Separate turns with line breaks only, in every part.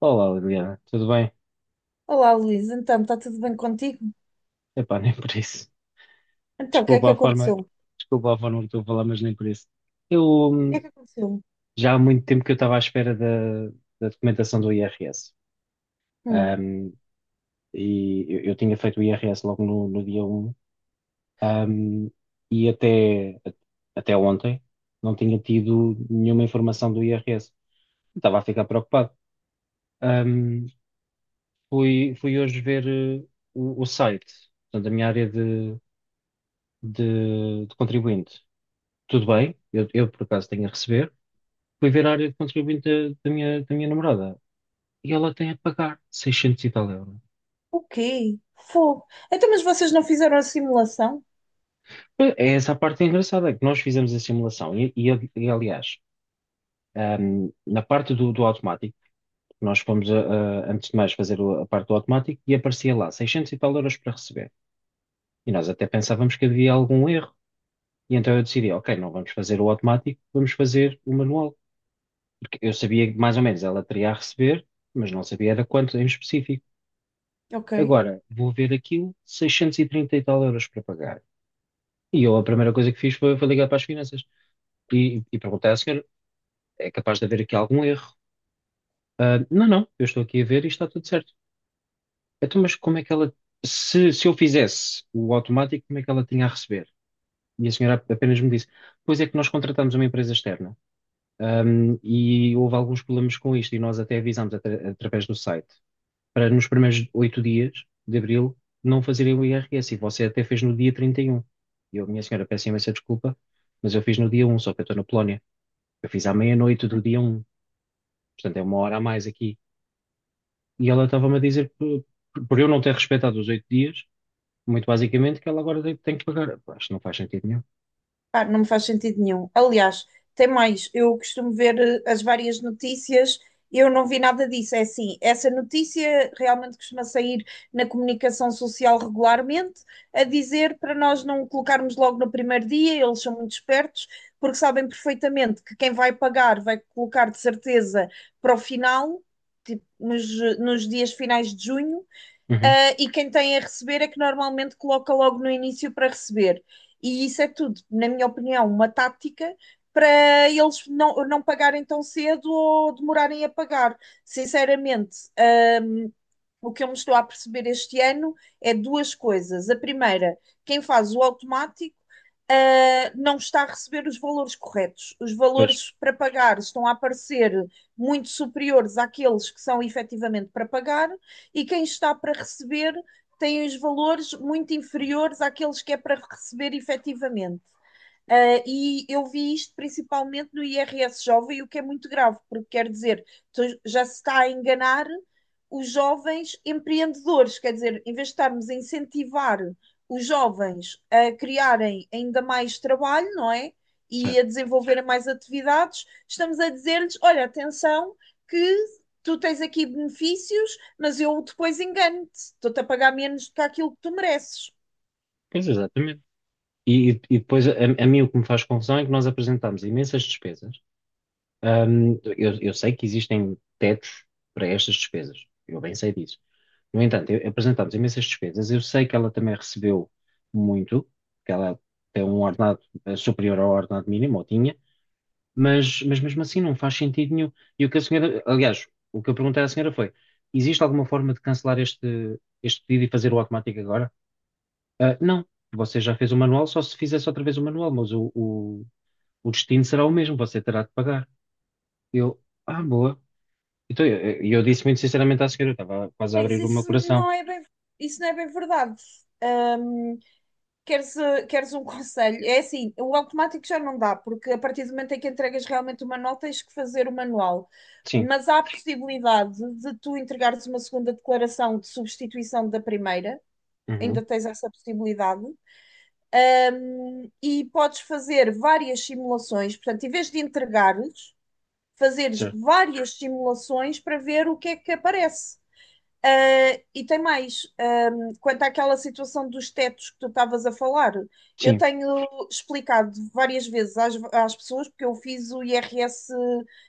Olá, Liliana, tudo bem?
Olá, Luís. Então, está tudo bem contigo?
Epá, nem por isso.
Então, o que é que
Desculpa a forma,
aconteceu? O
desculpa a forma que estou a falar, mas nem por isso. Eu
que é
hum,
que aconteceu?
já há muito tempo que eu estava à espera da documentação do IRS.
Hum.
Hum, e eu tinha feito o IRS logo no dia 1 hum, e até ontem não tinha tido nenhuma informação do IRS. Estava a ficar preocupado. Hum, fui hoje ver o site. Portanto, a minha área de contribuinte, tudo bem, eu, por acaso tenho a receber. Fui ver a área de contribuinte da minha namorada e ela tem a pagar 600 e tal euros.
O quê? Fogo. Então, mas vocês não fizeram a simulação?
É essa a parte engraçada, é que nós fizemos a simulação . Aliás, na parte do automático, nós fomos, antes de mais, fazer a parte do automático e aparecia lá 600 e tal euros para receber. E nós até pensávamos que havia algum erro. E então eu decidi, ok, não vamos fazer o automático, vamos fazer o manual. Porque eu sabia que mais ou menos ela teria a receber, mas não sabia era quanto em específico.
Ok.
Agora, vou ver aquilo, 630 e trinta e tal euros para pagar. E eu a primeira coisa que fiz foi, ligar para as finanças e perguntar à senhora: é capaz de haver aqui algum erro? Ah, não, não, eu estou aqui a ver e está tudo certo. Então, mas como é que ela, se eu fizesse o automático, como é que ela tinha a receber? E a senhora apenas me disse: pois é que nós contratamos uma empresa externa, e houve alguns problemas com isto e nós até avisámos através do site, para nos primeiros 8 dias de abril não fazerem o IRS. E você até fez no dia trinta e um. E eu, minha senhora, peço imensa desculpa, mas eu fiz no dia 1, só que eu estou na Polónia. Eu fiz à meia-noite do dia 1, portanto é uma hora a mais aqui. E ela estava-me a dizer, por eu não ter respeitado os 8 dias, muito basicamente, que ela agora tem, que pagar. Pá, acho que não faz sentido nenhum.
Pá, não me faz sentido nenhum. Aliás, tem mais, eu costumo ver as várias notícias, eu não vi nada disso. É assim, essa notícia realmente costuma sair na comunicação social regularmente, a dizer para nós não colocarmos logo no primeiro dia, eles são muito espertos, porque sabem perfeitamente que quem vai pagar vai colocar de certeza para o final, tipo, nos dias finais de junho.
Uhum,
Ah, e quem tem a receber é que normalmente coloca logo no início para receber. E isso é tudo, na minha opinião, uma tática para eles não pagarem tão cedo ou demorarem a pagar. Sinceramente, o que eu me estou a perceber este ano é duas coisas. A primeira, quem faz o automático não está a receber os valores corretos. Os
pois,
valores para pagar estão a aparecer muito superiores àqueles que são efetivamente para pagar, e quem está para receber tem os valores muito inferiores àqueles que é para receber efetivamente. E eu vi isto principalmente no IRS jovem, o que é muito grave, porque quer dizer, tu já se está a enganar os jovens empreendedores, quer dizer, em vez de estarmos a incentivar os jovens a criarem ainda mais trabalho, não é? E
certo.
a desenvolverem mais atividades, estamos a dizer-lhes: olha, atenção, que tu tens aqui benefícios, mas eu depois engano-te, estou-te a pagar menos do que aquilo que tu mereces.
Pois, exatamente. E, e depois, a mim o que me faz confusão é que nós apresentámos imensas despesas. Eu sei que existem tetos para estas despesas, eu bem sei disso. No entanto, apresentámos imensas despesas, eu sei que ela também recebeu muito, que ela tem um ordenado superior ao ordenado mínimo, ou tinha, mas, mesmo assim não faz sentido nenhum. E o que a senhora, aliás, o que eu perguntei à senhora foi: existe alguma forma de cancelar este pedido e fazer o automático agora? Ah, não, você já fez o manual, só se fizesse outra vez o manual, mas o destino será o mesmo, você terá de pagar. Eu, ah, boa. Então, eu disse muito sinceramente à senhora, eu estava quase a
Mas
abrir o meu coração.
isso não é bem verdade. Uh, queres um conselho? É assim, o automático já não dá, porque a partir do momento em que entregas realmente uma nota, tens que fazer o manual.
Sim,
Mas há a possibilidade de tu entregares uma segunda declaração de substituição da primeira,
uhum,
ainda tens essa possibilidade, e podes fazer várias simulações. Portanto, em vez de entregares, fazeres
certo,
várias simulações para ver o que é que aparece. E tem mais, quanto àquela situação dos tetos que tu estavas a falar, eu
sim,
tenho explicado várias vezes às pessoas, porque eu fiz o IRS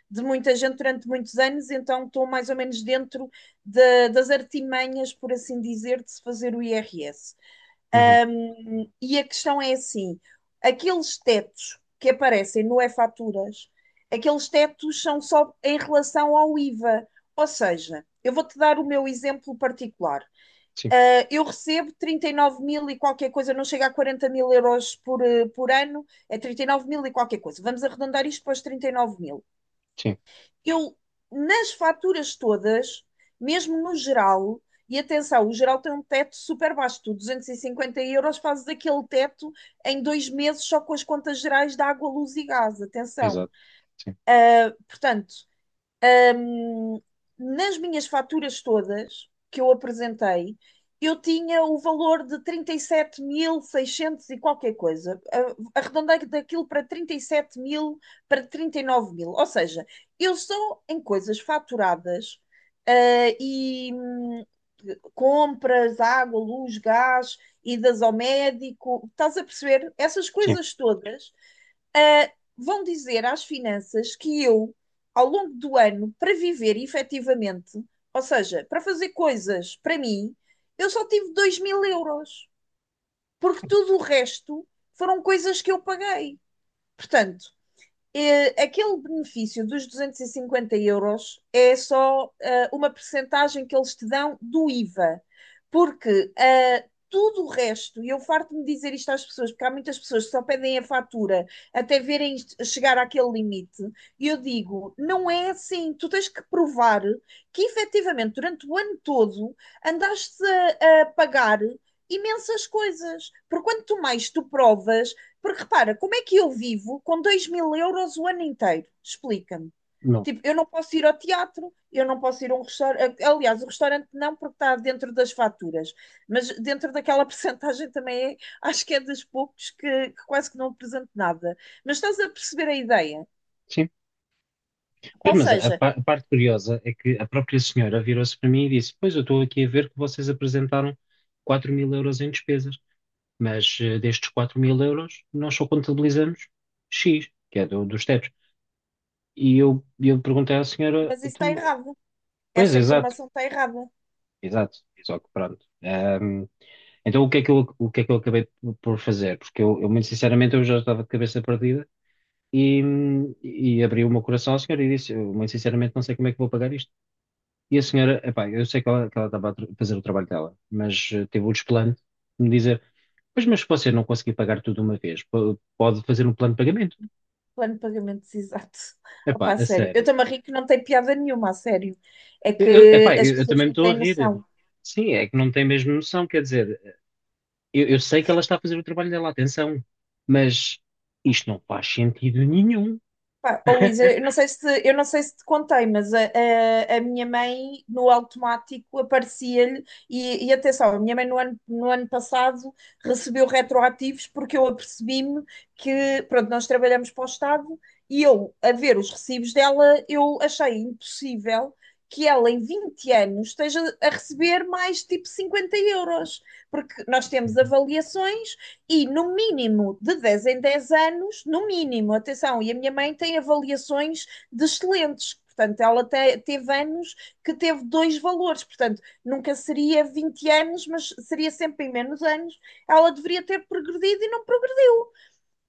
de muita gente durante muitos anos, então estou mais ou menos dentro das artimanhas, por assim dizer, de se fazer o IRS.
uhum,
E a questão é assim: aqueles tetos que aparecem no E-Faturas, aqueles tetos são só em relação ao IVA. Ou seja, eu vou-te dar o meu exemplo particular.
sim,
Eu recebo 39 mil e qualquer coisa, não chega a 40 mil euros por, por ano, é 39 mil e qualquer coisa. Vamos arredondar isto para os 39 mil.
sim,
Eu, nas faturas todas, mesmo no geral, e atenção, o geral tem um teto super baixo, tu 250 € fazes aquele teto em dois meses só com as contas gerais de água, luz e gás, atenção.
exato, sim,
Portanto, Ahm, nas minhas faturas todas que eu apresentei, eu tinha o valor de trinta e sete mil seiscentos e qualquer coisa. Arredondei daquilo para 37 mil, para 39 mil. Ou seja, eu só em coisas faturadas ah, e compras, água, luz, gás, idas ao médico, estás a perceber? Essas
sim,
coisas todas ah, vão dizer às finanças que eu, ao longo do ano, para viver efetivamente, ou seja, para fazer coisas para mim, eu só tive 2 mil euros, porque tudo o resto foram coisas que eu paguei. Portanto, aquele benefício dos 250 € é só uma percentagem que eles te dão do IVA, porque tudo o resto, e eu farto-me dizer isto às pessoas, porque há muitas pessoas que só pedem a fatura até verem chegar àquele limite, e eu digo, não é assim, tu tens que provar que efetivamente durante o ano todo andaste a pagar imensas coisas, porque quanto mais tu provas, porque repara, como é que eu vivo com 2 mil euros o ano inteiro? Explica-me.
não,
Tipo, eu não posso ir ao teatro, eu não posso ir a um restaurante. Aliás, o restaurante não, porque está dentro das faturas, mas dentro daquela percentagem também é, acho que é dos poucos que quase que não apresento nada. Mas estás a perceber a ideia?
sim.
Ou
Mas a,
seja,
pa- a parte curiosa é que a própria senhora virou-se para mim e disse: Pois, eu estou aqui a ver que vocês apresentaram 4 mil euros em despesas, mas destes 4 mil euros nós só contabilizamos X, que é dos tetos. E eu perguntei à senhora:
mas isso está
então,
errado.
pois,
Essa
exato,
informação está errada.
exato, só que pronto. Então, o que é que eu acabei por fazer? Porque eu, muito sinceramente, eu já estava de cabeça perdida e abri o meu coração à senhora e disse, eu, muito sinceramente, não sei como é que vou pagar isto. E a senhora, epá, eu sei que ela, estava a fazer o trabalho dela, mas teve o desplante de me dizer, pois, mas se você não conseguir pagar tudo de uma vez, pode fazer um plano de pagamento.
Plano de pagamentos exato. Opa,
Epá,
a
a
sério. Eu
sério.
também ri que não tem piada nenhuma, a sério. É
Eu,
que
epá,
as
eu
pessoas
também me
não
estou a
têm
rir.
noção.
Sim, é que não tem mesmo noção, quer dizer, eu sei que ela está a fazer o trabalho dela, atenção, mas isto não faz sentido nenhum.
Pá, ó, Luísa, eu não sei se te contei, mas a minha mãe no automático aparecia-lhe, e atenção, a minha mãe no ano passado recebeu retroativos porque eu apercebi-me que, pronto, nós trabalhamos para o Estado e eu, a ver os recibos dela, eu achei impossível que ela em 20 anos esteja a receber mais tipo 50 euros, porque nós temos
Uhum.
avaliações e no mínimo de 10 em 10 anos, no mínimo, atenção, e a minha mãe tem avaliações de excelentes. Portanto, ela teve anos que teve dois valores. Portanto, nunca seria 20 anos, mas seria sempre em menos anos. Ela deveria ter progredido e não progrediu.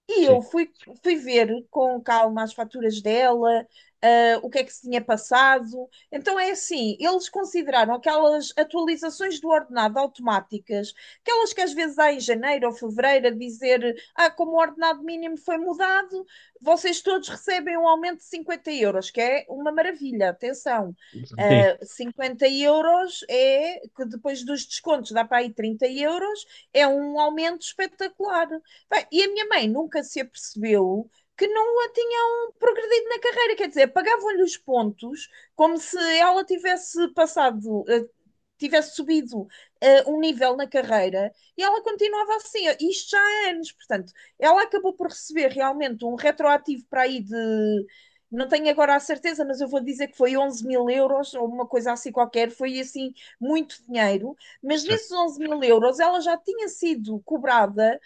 E
Sim,
eu fui ver com calma as faturas dela, o que é que se tinha passado. Então é assim, eles consideraram aquelas atualizações do ordenado automáticas, aquelas que às vezes há em janeiro ou fevereiro, a dizer, ah, como o ordenado mínimo foi mudado, vocês todos recebem um aumento de 50 euros, que é uma maravilha, atenção.
sim,
50 € é que depois dos descontos dá para aí 30 euros, é um aumento espetacular. Bem, e a minha mãe nunca se apercebeu que não a tinham progredido na carreira, quer dizer, pagavam-lhe os pontos como se ela tivesse passado, tivesse subido um nível na carreira e ela continuava assim, isto já há anos, portanto, ela acabou por receber realmente um retroativo para aí de, não tenho agora a certeza, mas eu vou dizer que foi 11 000 € ou uma coisa assim qualquer, foi assim muito dinheiro, mas
certo.
nesses 11 000 € ela já tinha sido cobrada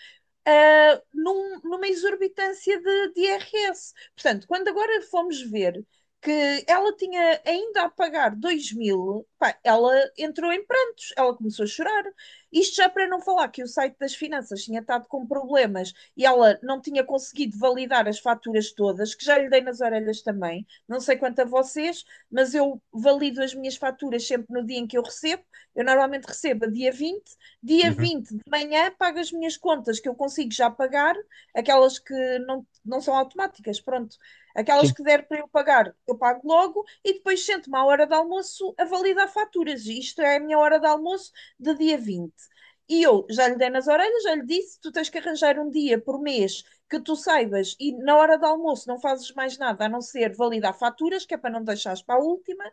numa exorbitância de IRS. Portanto, quando agora fomos ver que ela tinha ainda a pagar 2 mil, pá, ela entrou em prantos, ela começou a chorar. Isto já para não falar que o site das finanças tinha estado com problemas e ela não tinha conseguido validar as faturas todas, que já lhe dei nas orelhas também. Não sei quanto a vocês, mas eu valido as minhas faturas sempre no dia em que eu recebo. Eu normalmente recebo a dia 20. Dia
Uhum.
vinte de manhã pago as minhas contas que eu consigo já pagar, aquelas que não são automáticas, pronto. Aquelas
Sim,
que der para eu pagar, eu pago logo e depois sento-me à hora de almoço a validar faturas. Isto é a minha hora de almoço de dia 20. E eu já lhe dei nas orelhas, já lhe disse: tu tens que arranjar um dia por mês que tu saibas e na hora do almoço não fazes mais nada a não ser validar faturas, que é para não deixares para a última.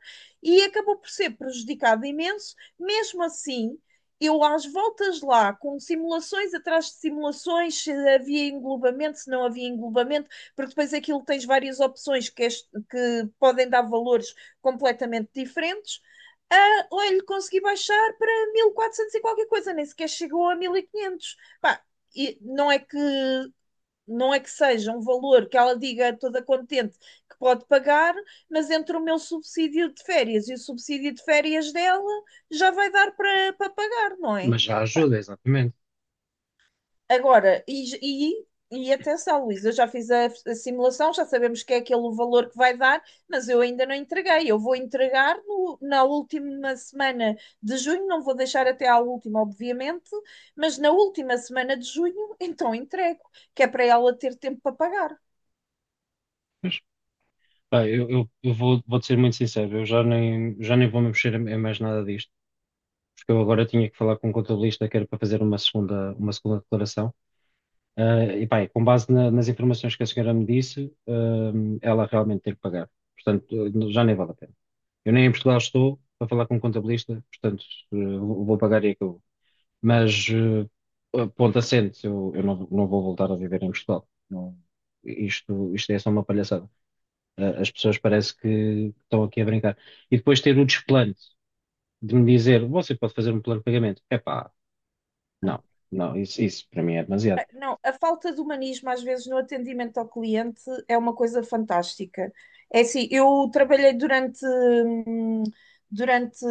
E acabou por ser prejudicado imenso. Mesmo assim, eu às voltas lá, com simulações atrás de simulações, se havia englobamento, se não havia englobamento, porque depois aquilo tens várias opções que, que podem dar valores completamente diferentes. Ah, olha, consegui baixar para 1400 e quatrocentos e qualquer coisa, nem sequer chegou a 1500. Pá, e não é que seja um valor que ela diga toda contente que pode pagar, mas entre o meu subsídio de férias e o subsídio de férias dela, já vai dar para pagar, não é?
mas já
Pá,
ajuda, exatamente.
agora, e atenção, Luísa, eu já fiz a simulação, já sabemos que é aquele o valor que vai dar, mas eu ainda não entreguei. Eu vou entregar na última semana de junho, não vou deixar até à última, obviamente, mas na última semana de junho, então entrego, que é para ela ter tempo para pagar.
Pá, eu vou, ser muito sincero, eu já nem vou me mexer em mais nada disto, porque eu agora tinha que falar com um contabilista que era para fazer uma segunda declaração. Ah, e pá, e com base nas informações que a senhora me disse, ah, ela realmente tem que pagar. Portanto, já nem vale a pena. Eu nem em Portugal estou para falar com um contabilista, portanto, vou pagar e acabou. Mas, ponto assente, eu não vou voltar a viver em Portugal. Não, isto é só uma palhaçada. As pessoas parece que estão aqui a brincar. E depois ter o desplante de me dizer, você pode fazer um plano de pagamento. Epá,
Ah,
não, não, isso para mim é demasiado.
não, a falta de humanismo às vezes no atendimento ao cliente é uma coisa fantástica. É assim, eu trabalhei durante,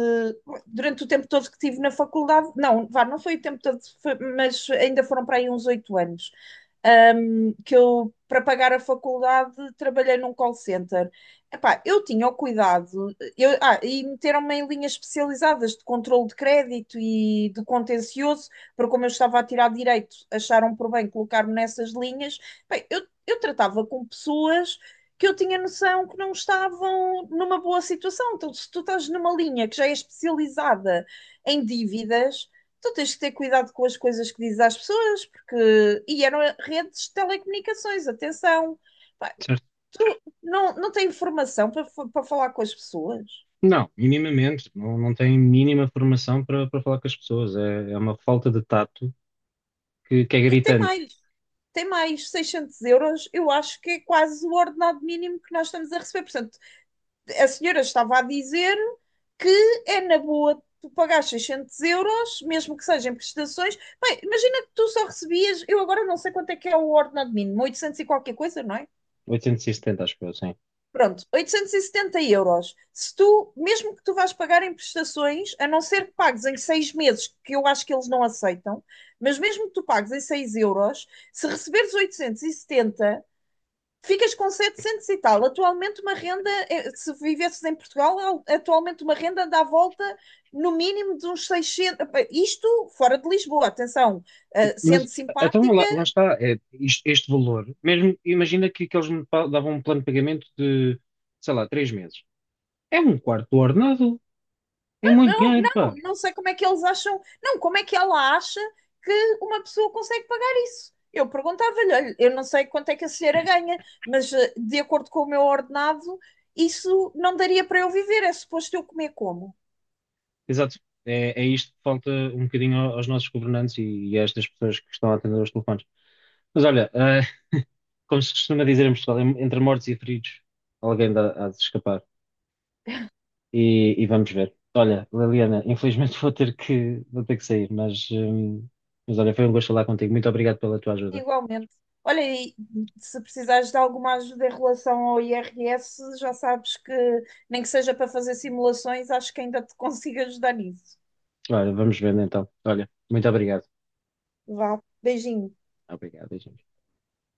durante o tempo todo que estive na faculdade, não, vá, não foi o tempo todo, mas ainda foram para aí uns 8 anos, que eu, para pagar a faculdade, trabalhei num call center. Epá, eu tinha o cuidado, e meteram-me em linhas especializadas de controle de crédito e de contencioso, porque como eu estava a tirar direito, acharam por bem colocar-me nessas linhas. Bem, eu tratava com pessoas que eu tinha noção que não estavam numa boa situação. Então, se tu estás numa linha que já é especializada em dívidas, tu tens que ter cuidado com as coisas que dizes às pessoas, porque. E eram redes de telecomunicações, atenção. Pá,
Certo?
tu não tens informação para falar com as pessoas?
Não, minimamente. Não, não tem mínima formação para falar com as pessoas. É uma falta de tato que é
E tem
gritante.
mais. Tem mais 600 euros, eu acho que é quase o ordenado mínimo que nós estamos a receber. Portanto, a senhora estava a dizer que é na boa tu pagar 600 euros, mesmo que sejam prestações. Bem, imagina que tu só recebias, eu agora não sei quanto é que é o ordenado mínimo, 800 e qualquer coisa, não é?
870, acho que eu,
Pronto, 870 euros. Se tu, mesmo que tu vás pagar em prestações, a não ser que pagues em 6 meses, que eu acho que eles não aceitam, mas mesmo que tu pagues em 6 euros, se receberes 870, ficas com 700 e tal. Atualmente, uma renda, se vivesses em Portugal, atualmente uma renda dá à volta no mínimo de uns 600. Isto fora de Lisboa, atenção, sendo
mas então
simpática,
lá está, é, este valor, mesmo imagina que eles me davam um plano de pagamento de, sei lá, 3 meses. É um quarto do ordenado, é muito dinheiro, pá.
não sei como é que eles acham, não, como é que ela acha que uma pessoa consegue pagar isso. Eu perguntava-lhe, olha, eu não sei quanto é que a senhora ganha, mas de acordo com o meu ordenado, isso não daria para eu viver, é suposto eu comer como?
Exato. É isto que falta um bocadinho aos nossos governantes e a estas pessoas que estão a atender aos telefones. Mas olha, como se costuma dizer em Portugal, entre mortos e feridos, alguém dá, há de se escapar. E vamos ver. Olha, Liliana, infelizmente vou ter que, sair, mas olha, foi um gosto falar contigo. Muito obrigado pela tua ajuda.
Igualmente. Olha, e se precisares de alguma ajuda em relação ao IRS, já sabes que, nem que seja para fazer simulações, acho que ainda te consigo ajudar nisso.
Olha, vamos vendo então. Olha, muito obrigado.
Vá, beijinho.
Obrigado, gente.